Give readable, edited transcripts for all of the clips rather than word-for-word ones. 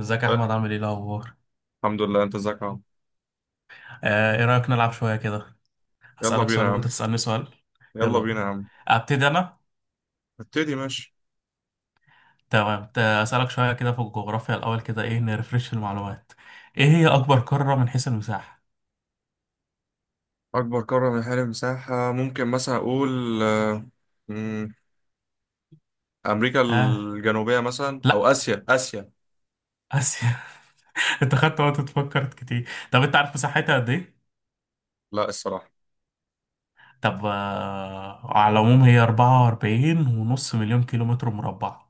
ازيك يا أه، احمد، عامل ايه الاخبار؟ الحمد لله. انت ازيك يا عم؟ ايه رايك نلعب شويه كده؟ يلا هسالك بينا سؤال يا وانت عم. تسالني سؤال. يلا يلا بينا بينا. يا عم. ابتدي انا. نبتدي. ماشي. تمام، اسالك شويه كده في الجغرافيا الاول كده، ايه نرفرش المعلومات. ايه هي اكبر قاره من حيث المساحه؟ اكبر قارة من حيث المساحة، ممكن مثلا اقول مم، امريكا ها. الجنوبية مثلا، او لا. اسيا. اسيا. اسيا. انت خدت وقت تفكر كتير. طب انت عارف مساحتها قد ايه؟ لا، الصراحة. طب، على العموم هي 44 ونص مليون كيلومتر مربع.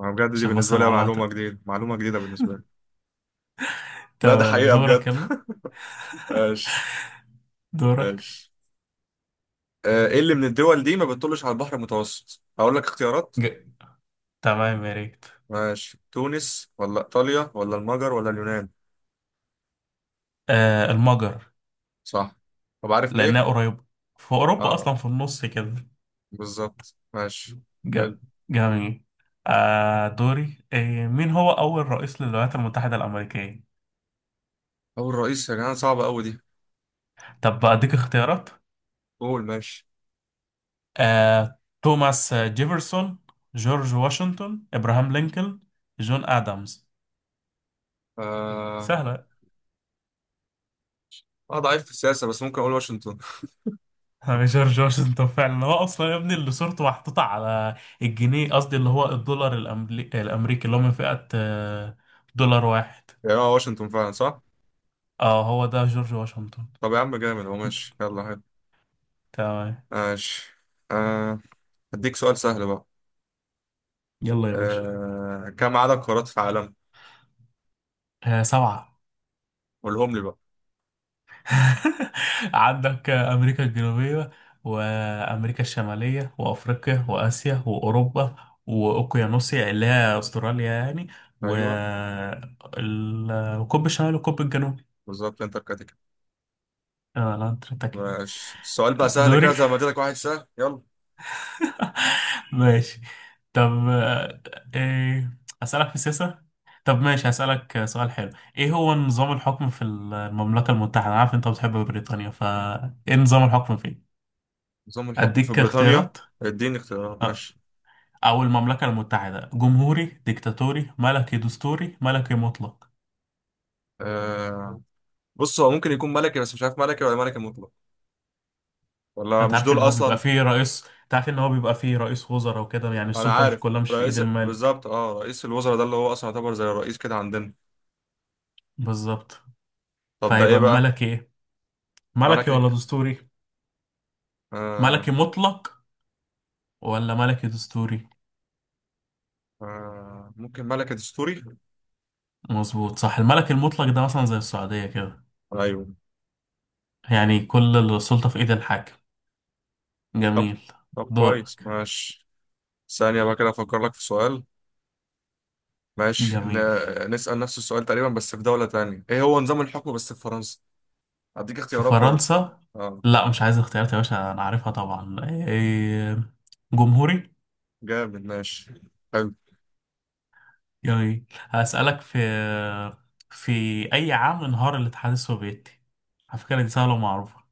انا بجد دي عشان بس بالنسبة لي المعلومات. معلومة جديدة، معلومة جديدة بالنسبة لي. لا ده تمام، حقيقة دورك، بجد. يلا. ايش؟ دورك. ايش؟ ايه اللي من الدول دي ما بتطلش على البحر المتوسط؟ اقول لك اختيارات. ج- تمام، يا ريت. ماشي، تونس ولا ايطاليا ولا المجر ولا اليونان؟ آه، المجر. صح. طب عارف ليه؟ لأنها قريبة. في أوروبا اه. أصلا، في النص كده. بالظبط، ماشي. ج- حلو. جميل. دوري. مين هو أول رئيس للولايات المتحدة الأمريكية؟ أول رئيس، يا جماعة صعبة أوي دي. طب، أديك اختيارات. قول، ماشي. توماس جيفرسون، جورج واشنطن، إبراهام لينكولن، جون آدمز. آه. سهلة. أنا ضعيف في السياسة بس ممكن أقول واشنطن. جورج واشنطن فعلا، هو أصلا يا ابني اللي صورته محطوطة على الجنيه، قصدي اللي هو الدولار الأمريكي، اللي هو من فئة 1 دولار. يعني هو واشنطن فعلا صح؟ اه، هو ده جورج واشنطن. طب يا عم جامد هو. ماشي يلا حلو. تمام. ماشي. آه أديك سؤال سهل بقى. يلا يا باشا. كم عدد قارات في العالم؟ آه، سبعة. قولهم لي بقى. عندك أمريكا الجنوبية، وأمريكا الشمالية وأفريقيا وآسيا وأوروبا، وأوقيانوسيا اللي هي أستراليا يعني، أيوه، والقطب الشمالي والقطب الجنوبي. بالظبط. أنت الكاتيجوري. لا، أنت بتاكل. ماشي، السؤال بقى سهل كده، دوري. زي ما اديتك واحد سهل، يلا. ماشي. طب، إيه، أسألك في السياسة. طب، ماشي، هسألك سؤال حلو. إيه هو نظام الحكم في المملكة المتحدة؟ أنا عارف أنت بتحب بريطانيا، فإيه نظام الحكم فيه؟ نظام الحكم في أديك بريطانيا. اختيارات. اديني اختيارات أه. ماشي. أو المملكة المتحدة؟ جمهوري، ديكتاتوري، ملكي دستوري، ملكي مطلق. آه بص هو ممكن يكون ملكي، بس مش عارف ملكي ولا ملكي مطلق، ولا مش دول اصلا. أنت عارف إن هو بيبقى فيه رئيس وزراء وكده، يعني انا السلطة مش عارف. كلها مش في إيد رئيس، الملك. بالظبط، اه، رئيس الوزراء ده اللي هو اصلا يعتبر زي الرئيس كده عندنا. بالظبط. طب ده ايه فهيبقى بقى؟ ملكي إيه؟ ملك ملكي ولا ايه؟ دستوري؟ آه ملكي مطلق ولا ملكي دستوري؟ ممكن ملك دستوري. مظبوط، صح. الملك المطلق ده مثلا زي السعودية كده. ايوه. يعني كل السلطة في إيد الحاكم. طب، جميل. طب كويس، دورك. ماشي. ثانية بقى كده افكر لك في سؤال. ماشي. جميل. نسأل نفس السؤال تقريبا بس في دولة تانية، ايه هو نظام الحكم بس في فرنسا؟ هديك في اختيارات برضه. فرنسا. اه، لا، مش عايز اختيارات يا باشا، انا عارفها طبعا، جمهوري. جامد. ماشي. حلو. يعني هسألك في اي عام انهار الاتحاد السوفيتي؟ على فكرة دي سهلة ومعروفة.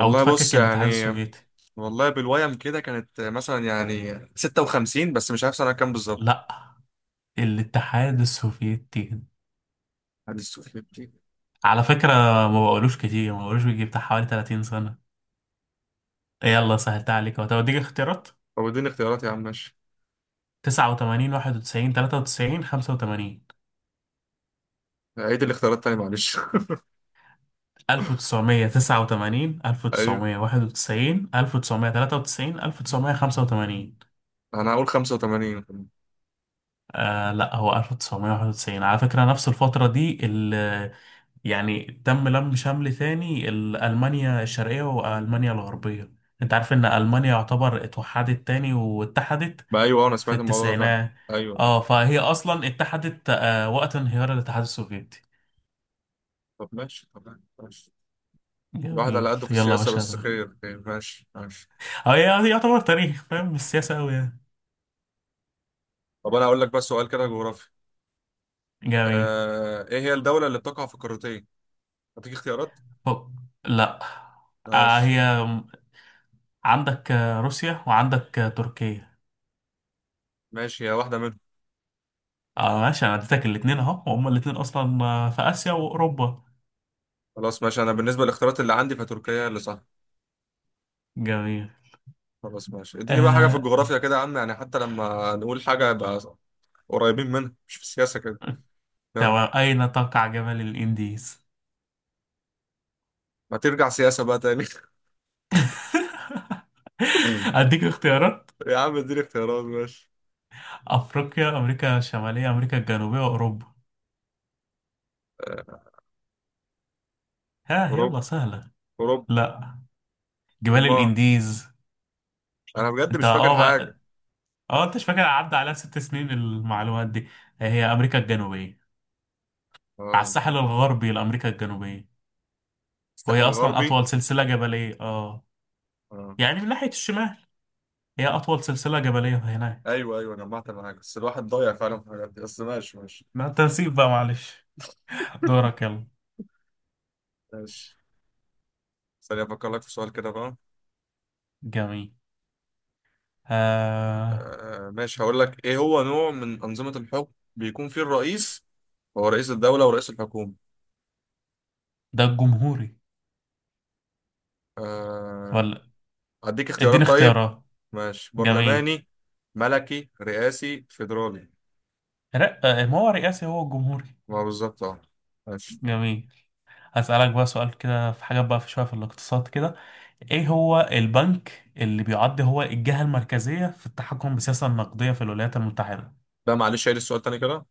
او بص اتفكك الاتحاد يعني، السوفيتي. والله بالويم كده كانت مثلا يعني 56، بس مش عارف سنة كام بالظبط. لا. الاتحاد السوفيتي، هدي السؤال. على فكرة، ما بقولوش بيجي بتاع حوالي 30 سنة. يلا سهلتها عليك اهو. طب اديك اختيارات. طب اديني اختيارات يا عم ماشي. 89، 91، 93، 85. عيد الاختيارات تاني معلش. 1989، ايوه، 1991، 1993، 1995. انا هقول 85. لا، هو 1991 على فكرة. نفس الفترة دي يعني تم لم شمل ثاني ألمانيا الشرقية وألمانيا الغربية. انت عارف ان ألمانيا يعتبر اتوحدت تاني واتحدت ما ايوه، انا في سمعت الموضوع ده فعلا. التسعينات. ايوه، أيوة. اه، فهي اصلا اتحدت وقت انهيار الاتحاد السوفيتي. طب ماشي. طب ماشي. الواحد على جميل، قده في يلا يا السياسة باشا، بس، دور. خير خير، ماشي ماشي. اه، هي يعتبر تاريخ فاهم السياسة أوي، يعني. طب انا هقول لك بس سؤال كده جغرافي. جميل. ايه هي الدولة اللي بتقع في قارتين؟ هديك اختيارات. أوك. لا. ماشي. هي، عندك روسيا، وعندك تركيا. ماشي، هي واحدة منهم. اه، ماشي، انا اديتك الاتنين اهو، وهم الاتنين اصلا في اسيا واوروبا. خلاص ماشي، انا بالنسبة للاختيارات اللي عندي فتركيا هي اللي صح. جميل. خلاص ماشي، اديني بقى حاجة في آه الجغرافيا كده يا عم، يعني حتى لما نقول حاجة يبقى قريبين منها، مش في السياسة كده. يلا. اين تقع جبل الانديز؟ ما ترجع سياسة بقى تاني. اديك اختيارات. يا عم اديني اختيارات ماشي. افريقيا، امريكا الشماليه، امريكا الجنوبيه، واوروبا. ها، اوروبا. يلا سهله. اوروبا. لا. جبال امال؟ الانديز. انا بجد انت مش فاكر حاجه. بقى. اه، انت مش فاكر؟ عدى عليها 6 سنين المعلومات دي. هي امريكا الجنوبيه، على اه، الساحل الغربي لأمريكا الجنوبية. وهي الساحل أصلا الغربي. أطول سلسلة جبلية، اه. اه. يعني من ناحية الشمال، هي أطول سلسلة جبلية هناك. ايوه ايوه، جمعت معاك بس الواحد ضايع فعلا في الحاجات دي، بس ماشي ماشي. مع التنسيق بقى، معلش. دورك يلا. ماشي. ثانية أفكر لك في سؤال كده بقى. جميل. آه. ماشي، هقول لك إيه هو نوع من أنظمة الحكم بيكون فيه الرئيس هو رئيس الدولة ورئيس الحكومة. ده الجمهوري. آه. ولا. أديك اديني اختيارات طيب. اختيارات. ماشي، جميل. برلماني، ملكي، رئاسي، فيدرالي. لا، ما هو رئاسي هو الجمهوري. ما هو بالظبط أه. ماشي. جميل. هسألك بقى سؤال كده، في حاجات بقى في شوية، في الاقتصاد كده. ايه هو البنك اللي بيعد هو الجهة المركزية في التحكم بالسياسة النقدية في الولايات المتحدة؟ لا معلش، عيد السؤال تاني كده.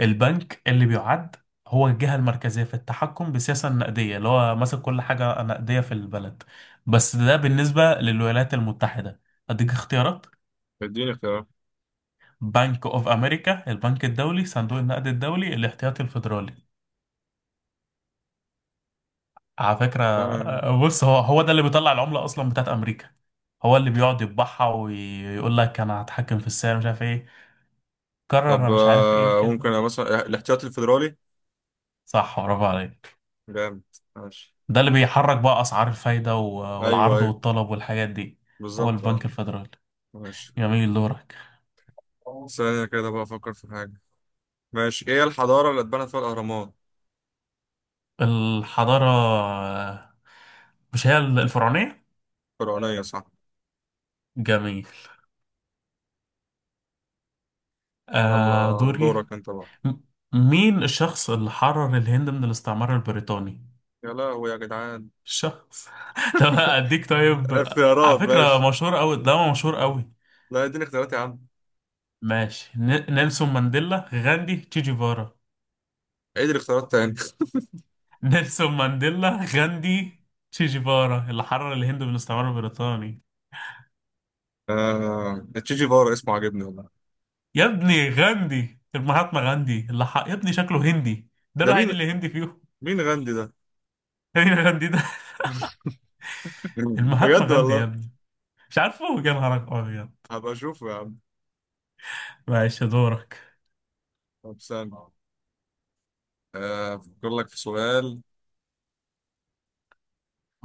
البنك اللي بيعد هو الجهة المركزية في التحكم بالسياسة النقدية، اللي هو ماسك كل حاجة نقدية في البلد. بس ده بالنسبة للولايات المتحدة. أديك اختيارات. اديني اختيارات. بنك أوف أمريكا، البنك الدولي، صندوق النقد الدولي، الاحتياطي الفيدرالي. على فكرة، آه. بص، هو هو ده اللي بيطلع العملة أصلا بتاعت أمريكا. هو اللي بيقعد يطبعها ويقول لك أنا هتحكم في السعر، مش عارف إيه، طب قرر مش عارف إيه ممكن كده. أنا مثلا الاحتياطي الفيدرالي. صح، برافو عليك. جامد. ماشي. ده اللي بيحرك بقى اسعار الفايده ايوه والعرض ايوه، والطلب والحاجات دي. هو بالظبط اه. البنك الفيدرالي. ماشي. جميل، دورك. ثانية كده بقى افكر في حاجة. ماشي. ايه الحضارة اللي اتبنت فيها الاهرامات؟ الحضاره، مش هي الفرعونيه؟ فرعونية صح. جميل. يلا دوري. دورك انت بقى. م- مين الشخص اللي حرر الهند من الاستعمار البريطاني؟ يا لهوي يا جدعان. الشخص. طب اديك، طيب. على اختيارات ماشي. فكره مشهور قوي ده، مشهور قوي. لا اديني اختيارات يا عم. ماشي، نيلسون مانديلا، غاندي، تشي جيفارا. عيد الاختيارات تاني. نيلسون مانديلا، غاندي، تشي جيفارا اللي حرر الهند من الاستعمار البريطاني؟ آه، تشي جيفارا اسمه عاجبني والله. يا ابني غاندي، المهاتما غاندي اللي يا ابني شكله هندي. ده ده مين؟ الوحيد اللي هندي فيهم. مين غاندي ده؟ مين غاندي ده؟ المهاتما بجد غاندي يا والله. ابني. مش عارفه؟ يا نهارك ابيض. هبقى اشوفه يا عم. معلش، دورك. طب استنى، أفكر لك في سؤال.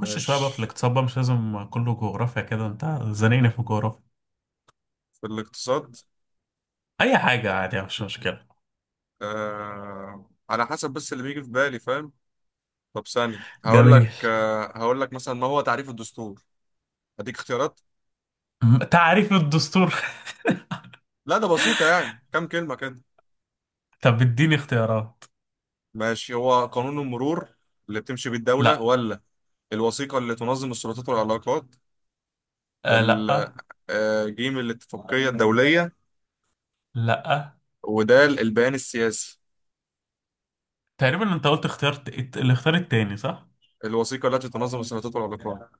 خش شويه بقى في الاقتصاد بقى، مش لازم كله جغرافيا كده، انت زنقني في الجغرافيا. في الاقتصاد، اي حاجه عادي، مش مشكله. على حسب بس اللي بيجي في بالي فاهم. طب ثانية هقول جميل. لك، هقول لك مثلا، ما هو تعريف الدستور؟ هديك اختيارات. تعريف الدستور. لا ده بسيطة، يعني كام كلمة كده. طب، اديني اختيارات. ماشي، هو قانون المرور اللي بتمشي بيه الدولة، لا. ولا الوثيقة اللي تنظم السلطات والعلاقات، لا. ال- جيم الاتفاقية الدولية، لا. ودال البيان السياسي. تقريبا انت قلت، اخترت الاختيار التاني، صح؟ الوثيقة التي تنظم السلطات والعلاقات.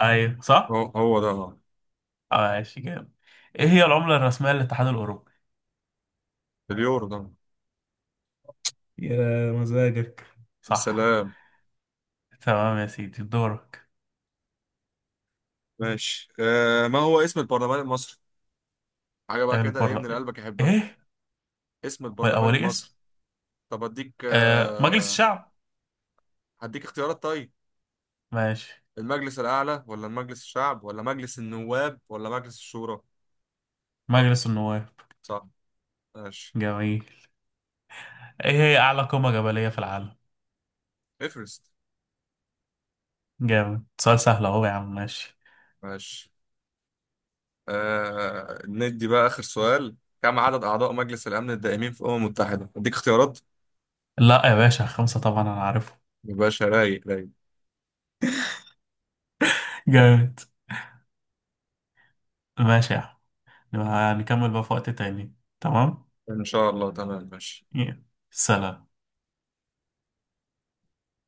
ايوه، هو صح؟ هو ده. ماشي، جامد. ايه هي العملة الرسمية للاتحاد الاوروبي؟ اليورو ده. يا مزاجك. صح. السلام. تمام يا سيدي، دورك. ماشي. ما هو اسم البرلمان المصري؟ حاجة بقى كده ايه من اللي البرلمان. قلبك يحبها. ايه؟ اسم هو البرلمان الاولي المصري. اسم. طب اديك مجلس الشعب. هديك اختيارات طيب: ماشي. المجلس الأعلى، ولا المجلس الشعب، ولا مجلس النواب، ولا مجلس الشورى؟ مجلس النواب. صح. ماشي. جميل. ايه هي اعلى قمة جبلية في العالم؟ افرست. جامد، سؤال سهل اهو يا عم، ماشي. ماشي. ندي بقى آخر سؤال. كم عدد أعضاء مجلس الأمن الدائمين في الأمم المتحدة؟ اديك اختيارات. لا يا باشا، خمسة طبعا انا عارفه. يبقى رايق رايق. جامد. ماشي يا عم. نبقى هنكمل بقى في وقت تاني. تمام. إن شاء الله تمام ماشي. يلا. سلام.